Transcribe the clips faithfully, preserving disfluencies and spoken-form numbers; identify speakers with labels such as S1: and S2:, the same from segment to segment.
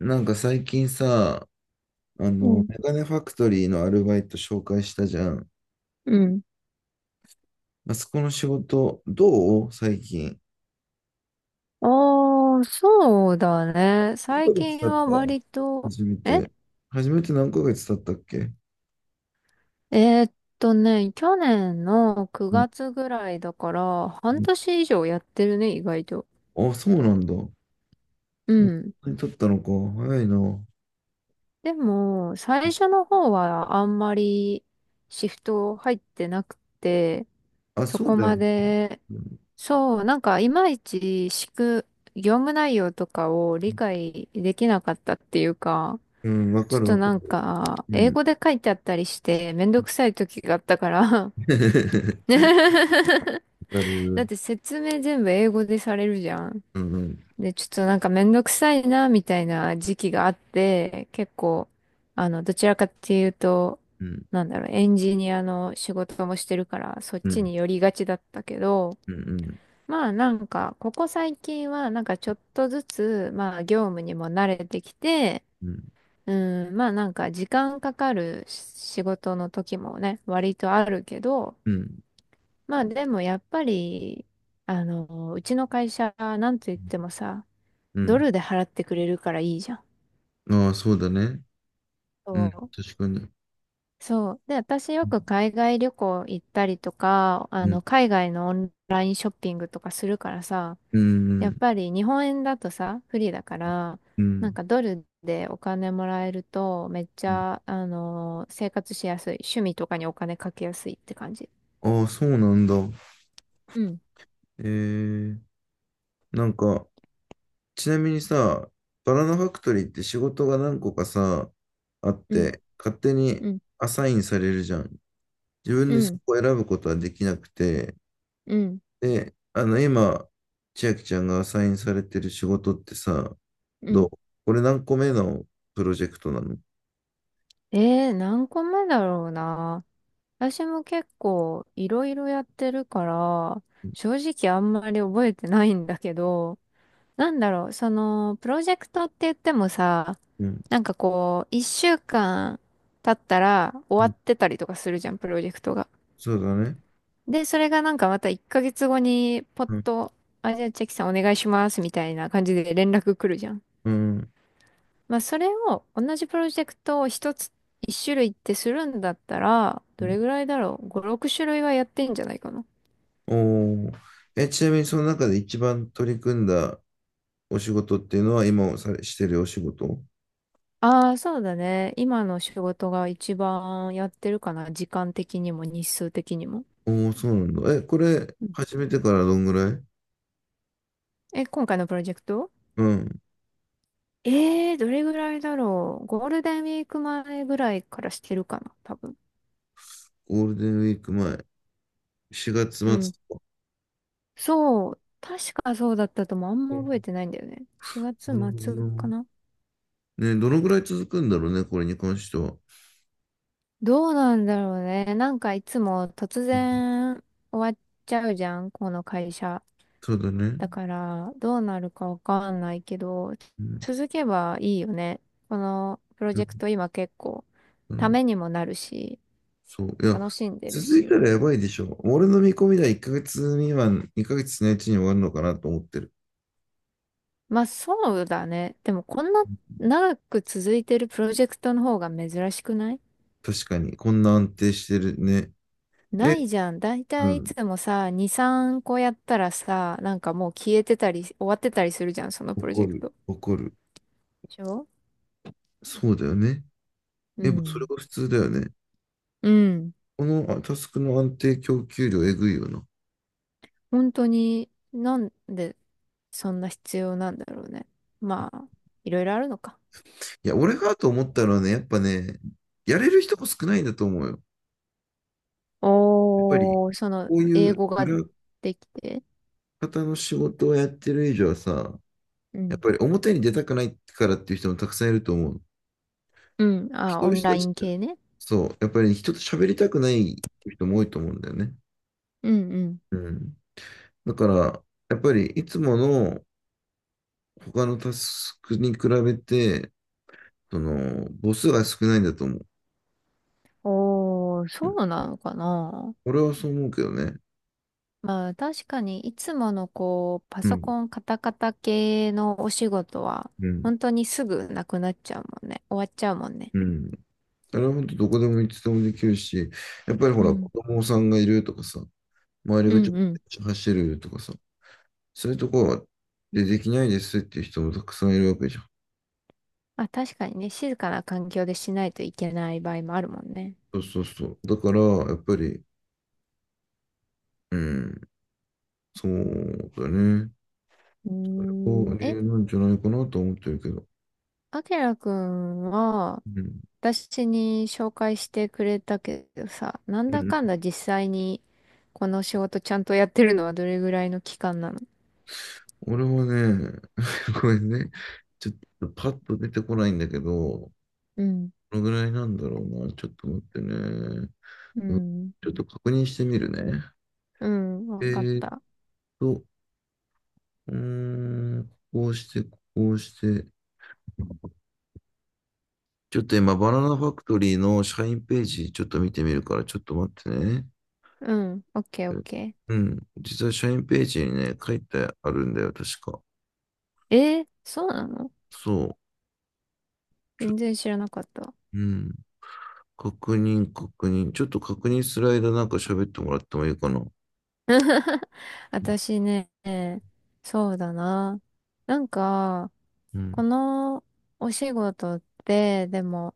S1: なんか最近さ、あ
S2: う
S1: の、
S2: ん。
S1: メガネファクトリーのアルバイト紹介したじゃん。
S2: うん。
S1: あそこの仕事、どう最近。
S2: ああ、そうだね。
S1: 何ヶ
S2: 最
S1: 月経
S2: 近
S1: っ
S2: は
S1: た
S2: 割と、
S1: 初め
S2: え
S1: て。初めて何ヶ月経ったっけ。
S2: えーっとね、去年の
S1: うん、
S2: くがつぐらいだから、
S1: う
S2: 半
S1: ん。
S2: 年以上やってるね、意外と。
S1: あ、そうなんだ。も
S2: う
S1: う
S2: ん。
S1: そんなに経ったのか。早いな。
S2: でも、最初の方はあんまりシフト入ってなくて、
S1: あ、
S2: そ
S1: そう
S2: こ
S1: だよ
S2: ま
S1: ね。
S2: で、そう、なんかいまいち仕組、業務内容とかを理解できなかったっていうか、
S1: うん、わ
S2: ちょ
S1: か
S2: っ
S1: る
S2: と
S1: わか
S2: なん
S1: る。
S2: か、
S1: う
S2: 英
S1: ん。
S2: 語で書いてあったりして、めんどくさい時があったから。
S1: わか
S2: だっ
S1: る。
S2: て説明全部英語でされるじゃん。
S1: うん。うん。
S2: で、ちょっとなんかめんどくさいな、みたいな時期があって、結構、あの、どちらかっていうと、
S1: うん。
S2: なんだろう、エンジニアの仕事もしてるから、そっ
S1: う
S2: ち
S1: ん。
S2: に寄りがちだったけど、
S1: うん。
S2: まあなんか、ここ最近はなんかちょっとずつ、まあ業務にも慣れてきて、
S1: うん。うん。
S2: うん、まあなんか時間かかるし仕事の時もね、割とあるけど、
S1: うん。
S2: まあでもやっぱり、あの、うちの会社、なんと言ってもさ、ドルで払ってくれるからいいじゃん。
S1: ああ、そうだね。うん、
S2: そ
S1: 確かに。
S2: う。そう。で、私
S1: う
S2: よく
S1: ん、
S2: 海外旅行行ったりとか、あの、海外のオンラインショッピングとかするからさ、
S1: う
S2: やっ
S1: ん、
S2: ぱり日本円だとさ、不利だから、
S1: う
S2: なん
S1: ん、
S2: かドルでお金もらえると、めっち
S1: うん。
S2: ゃ、あのー生活しやすい。趣味とかにお金かけやすいって感じ。
S1: ああ、そうなんだ。
S2: うん、
S1: えー、なんか、ちなみにさ、バナナファクトリーって仕事が何個かさ、あっ
S2: うん、
S1: て、勝手に
S2: うん、
S1: アサインされるじゃん。自分
S2: う
S1: でそ
S2: ん、
S1: こを選ぶことはできなくて、
S2: うん、
S1: で、あの、今、千秋ちゃんがアサインされてる仕事ってさ、
S2: う
S1: どう、
S2: ん。
S1: これ何個目のプロジェクトなの？
S2: えー、何個目だろうな。私も結構いろいろやってるから、正直あんまり覚えてないんだけど、なんだろう、その、プロジェクトって言ってもさ、
S1: うん、
S2: なんかこう、一週間経ったら
S1: う
S2: 終
S1: ん、
S2: わってたりとかするじゃん、プロジェクトが。
S1: そうだね。
S2: で、それがなんかまたいっかげつごに、ポッ
S1: うん、
S2: と、あ、じゃあチェキさんお願いします、みたいな感じで連絡来るじゃん。
S1: うん。
S2: まあ、それを、同じプロジェクトを一つ、一種類ってするんだったら、どれぐらいだろう？ ご、ろく種類はやってんじゃないかな。
S1: おー。え、ちなみにその中で一番取り組んだお仕事っていうのは今され、してるお仕事お。
S2: ああ、そうだね。今の仕事が一番やってるかな。時間的にも日数的にも。
S1: おー、そうなんだ。え、これ始めてからどんぐらい。
S2: え、今回のプロジェクト？
S1: うん。
S2: えー、どれぐらいだろう。ゴールデンウィーク前ぐらいからしてるかな、多分。
S1: ゴールデンウィーク前。しがつ
S2: う
S1: 末
S2: ん。
S1: とか。
S2: そう。確かそうだったともあん
S1: う
S2: ま覚え
S1: ん。
S2: てないんだよね。しがつ
S1: なるほど
S2: 末か
S1: な。
S2: な。
S1: ね、どのぐらい続くんだろうね、これに関しては。
S2: どうなんだろうね。なんかいつも突
S1: うん、
S2: 然終わっちゃうじゃん、この会社。
S1: そうだね。
S2: だから、どうなるかわかんないけど、
S1: うん。
S2: 続けばいいよね。このプロジェクト今結構、
S1: う
S2: た
S1: ん。
S2: めにもなるし、
S1: そう。いや、
S2: 楽しんでる
S1: 続いたら
S2: し。
S1: やばいでしょ。俺の見込みではいっかげつ未満、にかげつのうちに終わるのかなと思ってる。
S2: まあそうだね。でもこんな長く続いてるプロジェクトの方が珍しくない
S1: 確かに。こんな安定してるね。
S2: な
S1: え、
S2: いじゃん。だい
S1: う
S2: たいい
S1: ん。
S2: つもさ、に、さんこやったらさ、なんかもう消えてたり、終わってたりするじゃん、そのプロジ
S1: 怒
S2: ェク
S1: る、
S2: ト。
S1: 怒る。
S2: でしょ？
S1: そうだよね。
S2: う
S1: やっぱそれ
S2: ん。
S1: が普通だよね。
S2: うん。
S1: このあタスクの安定供給量えぐいよな。
S2: 本当に、なんでそんな必要なんだろうね。まあ、いろいろあるのか。
S1: いや、俺がと思ったのはね、やっぱね、やれる人も少ないんだと思うよ。やっぱり、
S2: おー、その、
S1: こうい
S2: 英
S1: う
S2: 語が
S1: 裏
S2: できて。
S1: 方の仕事をやってる以上はさ、
S2: う
S1: やっ
S2: ん。
S1: ぱり表に出たくないからっていう人もたくさんいると思う。
S2: うん。あ、
S1: 人
S2: オ
S1: の
S2: ン
S1: 人
S2: ラ
S1: たち
S2: イン
S1: って、
S2: 系ね。
S1: そう、やっぱり人と喋りたくないっていう人も多いと思うんだよね。
S2: うんうん。
S1: うん。だから、やっぱりいつもの他のタスクに比べて、その、母数が少ないんだと思う。
S2: おー、そうなのかな。
S1: 俺はそう思うけどね。
S2: まあ確かにいつものこう、パ
S1: う
S2: ソ
S1: ん、
S2: コンカタカタ系のお仕事は、
S1: うん、
S2: 本当にすぐなくなっちゃうもんね。終わっちゃうもんね。
S1: うん。あれは本当どこでもいつでもできるし、やっぱりほ
S2: う
S1: ら、子
S2: ん。
S1: 供さんがいるとかさ、周り
S2: う
S1: がちょ
S2: ん
S1: っ
S2: うん。
S1: と走るとかさ、そういうところはでできないですっていう人もたくさんいるわけじゃん。
S2: まあ確かにね、静かな環境でしないといけない場合もあるもんね。
S1: そうそうそう。だから、やっぱり、うん、そうだね。
S2: う
S1: それ
S2: ーん、
S1: が理
S2: え、
S1: 由なんじゃないかなと思ってるけど。
S2: あきらくんは、
S1: うん、
S2: 私に紹介してくれたけどさ、なん
S1: う
S2: だ
S1: ん。
S2: かんだ実際にこの仕事ちゃんとやってるのはどれぐらいの期間なの？
S1: 俺はね、ごめんね。ちょっとパッと出てこないんだけど、
S2: うん。
S1: このぐらいなんだろうな。ちょっと待ってね。
S2: う
S1: うん。
S2: ん。
S1: ちょっと確認してみるね。
S2: うん、
S1: え
S2: わかっ
S1: ーっ
S2: た。
S1: と、うーん、こうして、こうして。ちょっと今、バナナファクトリーの社員ページ、ちょっと見てみるから、ちょっと待ってね。
S2: うん、オッケーオッケ
S1: うん。実は社員ページにね、書いてあるんだよ、確か。
S2: ー。えー、そうなの？
S1: そ
S2: 全然知らなかった。
S1: う。うん。確認、確認。ちょっと確認する間、なんか喋ってもらってもいいかな。
S2: 私ね、そうだな。なんか、
S1: う
S2: こ
S1: ん。
S2: のお仕事って、でも、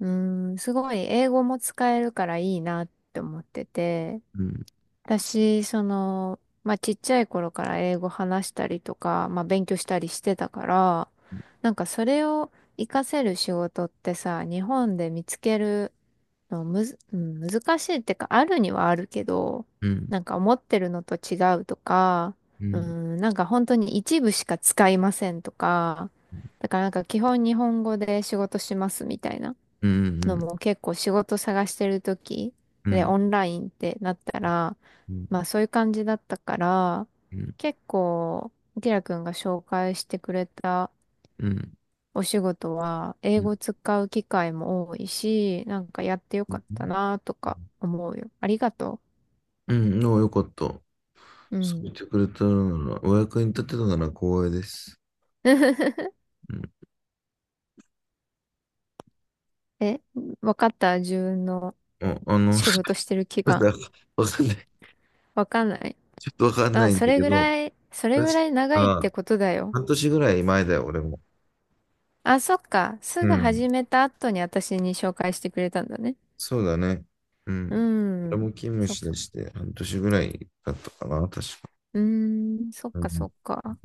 S2: うーん、すごい英語も使えるからいいなって思ってて、
S1: うん。
S2: 私、その、まあ、ちっちゃい頃から英語話したりとか、まあ、勉強したりしてたから、なんかそれを活かせる仕事ってさ、日本で見つけるでもむず、うん、難しいってか、あるにはあるけど、
S1: うん。
S2: なんか思ってるのと違うとか、
S1: う
S2: う
S1: ん。
S2: ん、なんか本当に一部しか使いませんとか、だからなんか基本日本語で仕事しますみたいな
S1: う
S2: の
S1: ん。
S2: も結構仕事探してる時
S1: うん。う
S2: で
S1: ん。
S2: オンラインってなったら、
S1: う
S2: ま
S1: ん。
S2: あそういう感じだったから、
S1: うん。
S2: 結構、キラ君が紹介してくれた
S1: うん。
S2: お仕事は英
S1: うん、
S2: 語使う機会も多いし、なんかやってよかったなとか思うよ。ありがと
S1: うん。でもよかった。
S2: う。う
S1: そう言
S2: ん。
S1: ってくれたなら、お役に立てたなら光栄です。うん。
S2: え、わかった？自分の
S1: あ、あの、ち
S2: 仕事してる期
S1: ょっと
S2: 間。
S1: わかんない。
S2: わかんない。
S1: ちょっとわかん
S2: ま
S1: な
S2: あ、
S1: いんだ
S2: それ
S1: け
S2: ぐ
S1: ど、
S2: らい、それ
S1: 確
S2: ぐらい長いって
S1: か、
S2: ことだよ。
S1: 半年ぐらい前だよ、俺も。
S2: あ、そっか。す
S1: う
S2: ぐ
S1: ん。
S2: 始めた後に私に紹介してくれたんだね。
S1: そうだね。う
S2: う
S1: ん。俺
S2: ん。
S1: も勤務
S2: そっ
S1: しだ
S2: か。
S1: して半年ぐらいだったかな、確か。
S2: うーん、そっ
S1: う
S2: かそ
S1: ん。
S2: っか。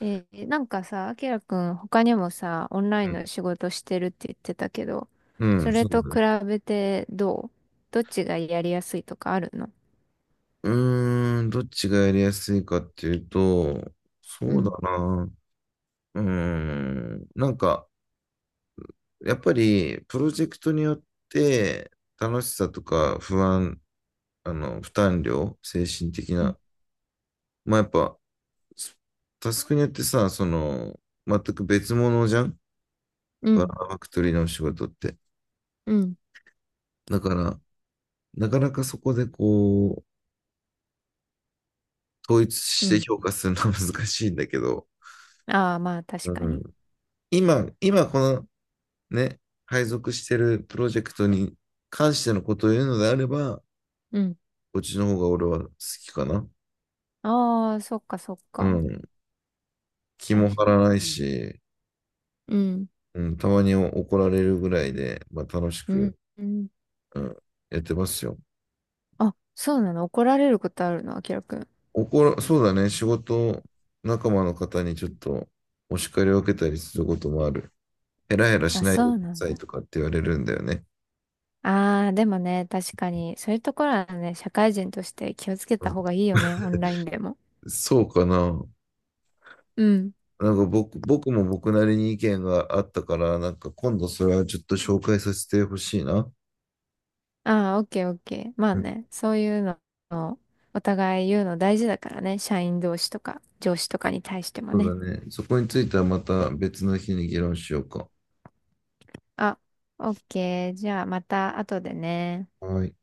S2: えーなんかさ、あきらくん他にもさ、オンライン
S1: う
S2: の仕事してるって言ってたけど、
S1: ん、う
S2: そ
S1: ん、
S2: れ
S1: そう
S2: と
S1: だね。
S2: 比べてどう？どっちがやりやすいとかあるの？
S1: うーん、どっちがやりやすいかっていうと、
S2: う
S1: そうだ
S2: ん、
S1: な。うーん、なんか、やっぱりプロジェクトによって楽しさとか不安、あの、負担量、精神的
S2: うん、
S1: な、まあやっぱ、タスクによってさ、その、全く別物じゃん
S2: う
S1: バ
S2: ん、
S1: ナナファクトリーのお仕事って。
S2: うん、
S1: だから、なかなかそこでこう、統一
S2: う
S1: して
S2: ん、
S1: 評価するのは難しいんだけど、
S2: ああー、まあ
S1: う
S2: 確か
S1: ん、
S2: に。
S1: 今、今このね、配属してるプロジェクトに関してのことを言うのであれば、
S2: うん、
S1: こっちの方が俺は好きかな。
S2: ああ、そっかそっ
S1: う
S2: か。
S1: ん。気
S2: 確
S1: も張
S2: か
S1: らないし、
S2: に。うん、
S1: うん、たまに怒られるぐらいで、まあ、楽し
S2: うん、
S1: く、
S2: うん。
S1: うん、やってますよ。
S2: あ、そうなの？怒られることあるの？あきらくん。
S1: 怒ら、そうだね、仕事仲間の方にちょっとお叱りを受けたりすることもある。ヘラヘラし
S2: あ、
S1: ないで
S2: そ
S1: く
S2: う
S1: だ
S2: なん
S1: さ
S2: だ。
S1: いとかって言われるんだよね。
S2: ああ、でもね、確かに、そういうところはね、社会人として気をつけ
S1: う
S2: た
S1: ん、
S2: 方がいいよね、オンラインでも。
S1: そうかな。
S2: うん。
S1: なんか僕、僕も僕なりに意見があったから、なんか今度それはちょっと紹介させてほしいな。
S2: ああ、オッケーオッケー。まあ
S1: うん、
S2: ね、そういうのをお互い言うの大事だからね。社員同士とか上司とかに対しても
S1: そ
S2: ね。
S1: うだね。そこについてはまた別の日に議論しようか。
S2: あ、オッケー。じゃあまた後でね。
S1: はい。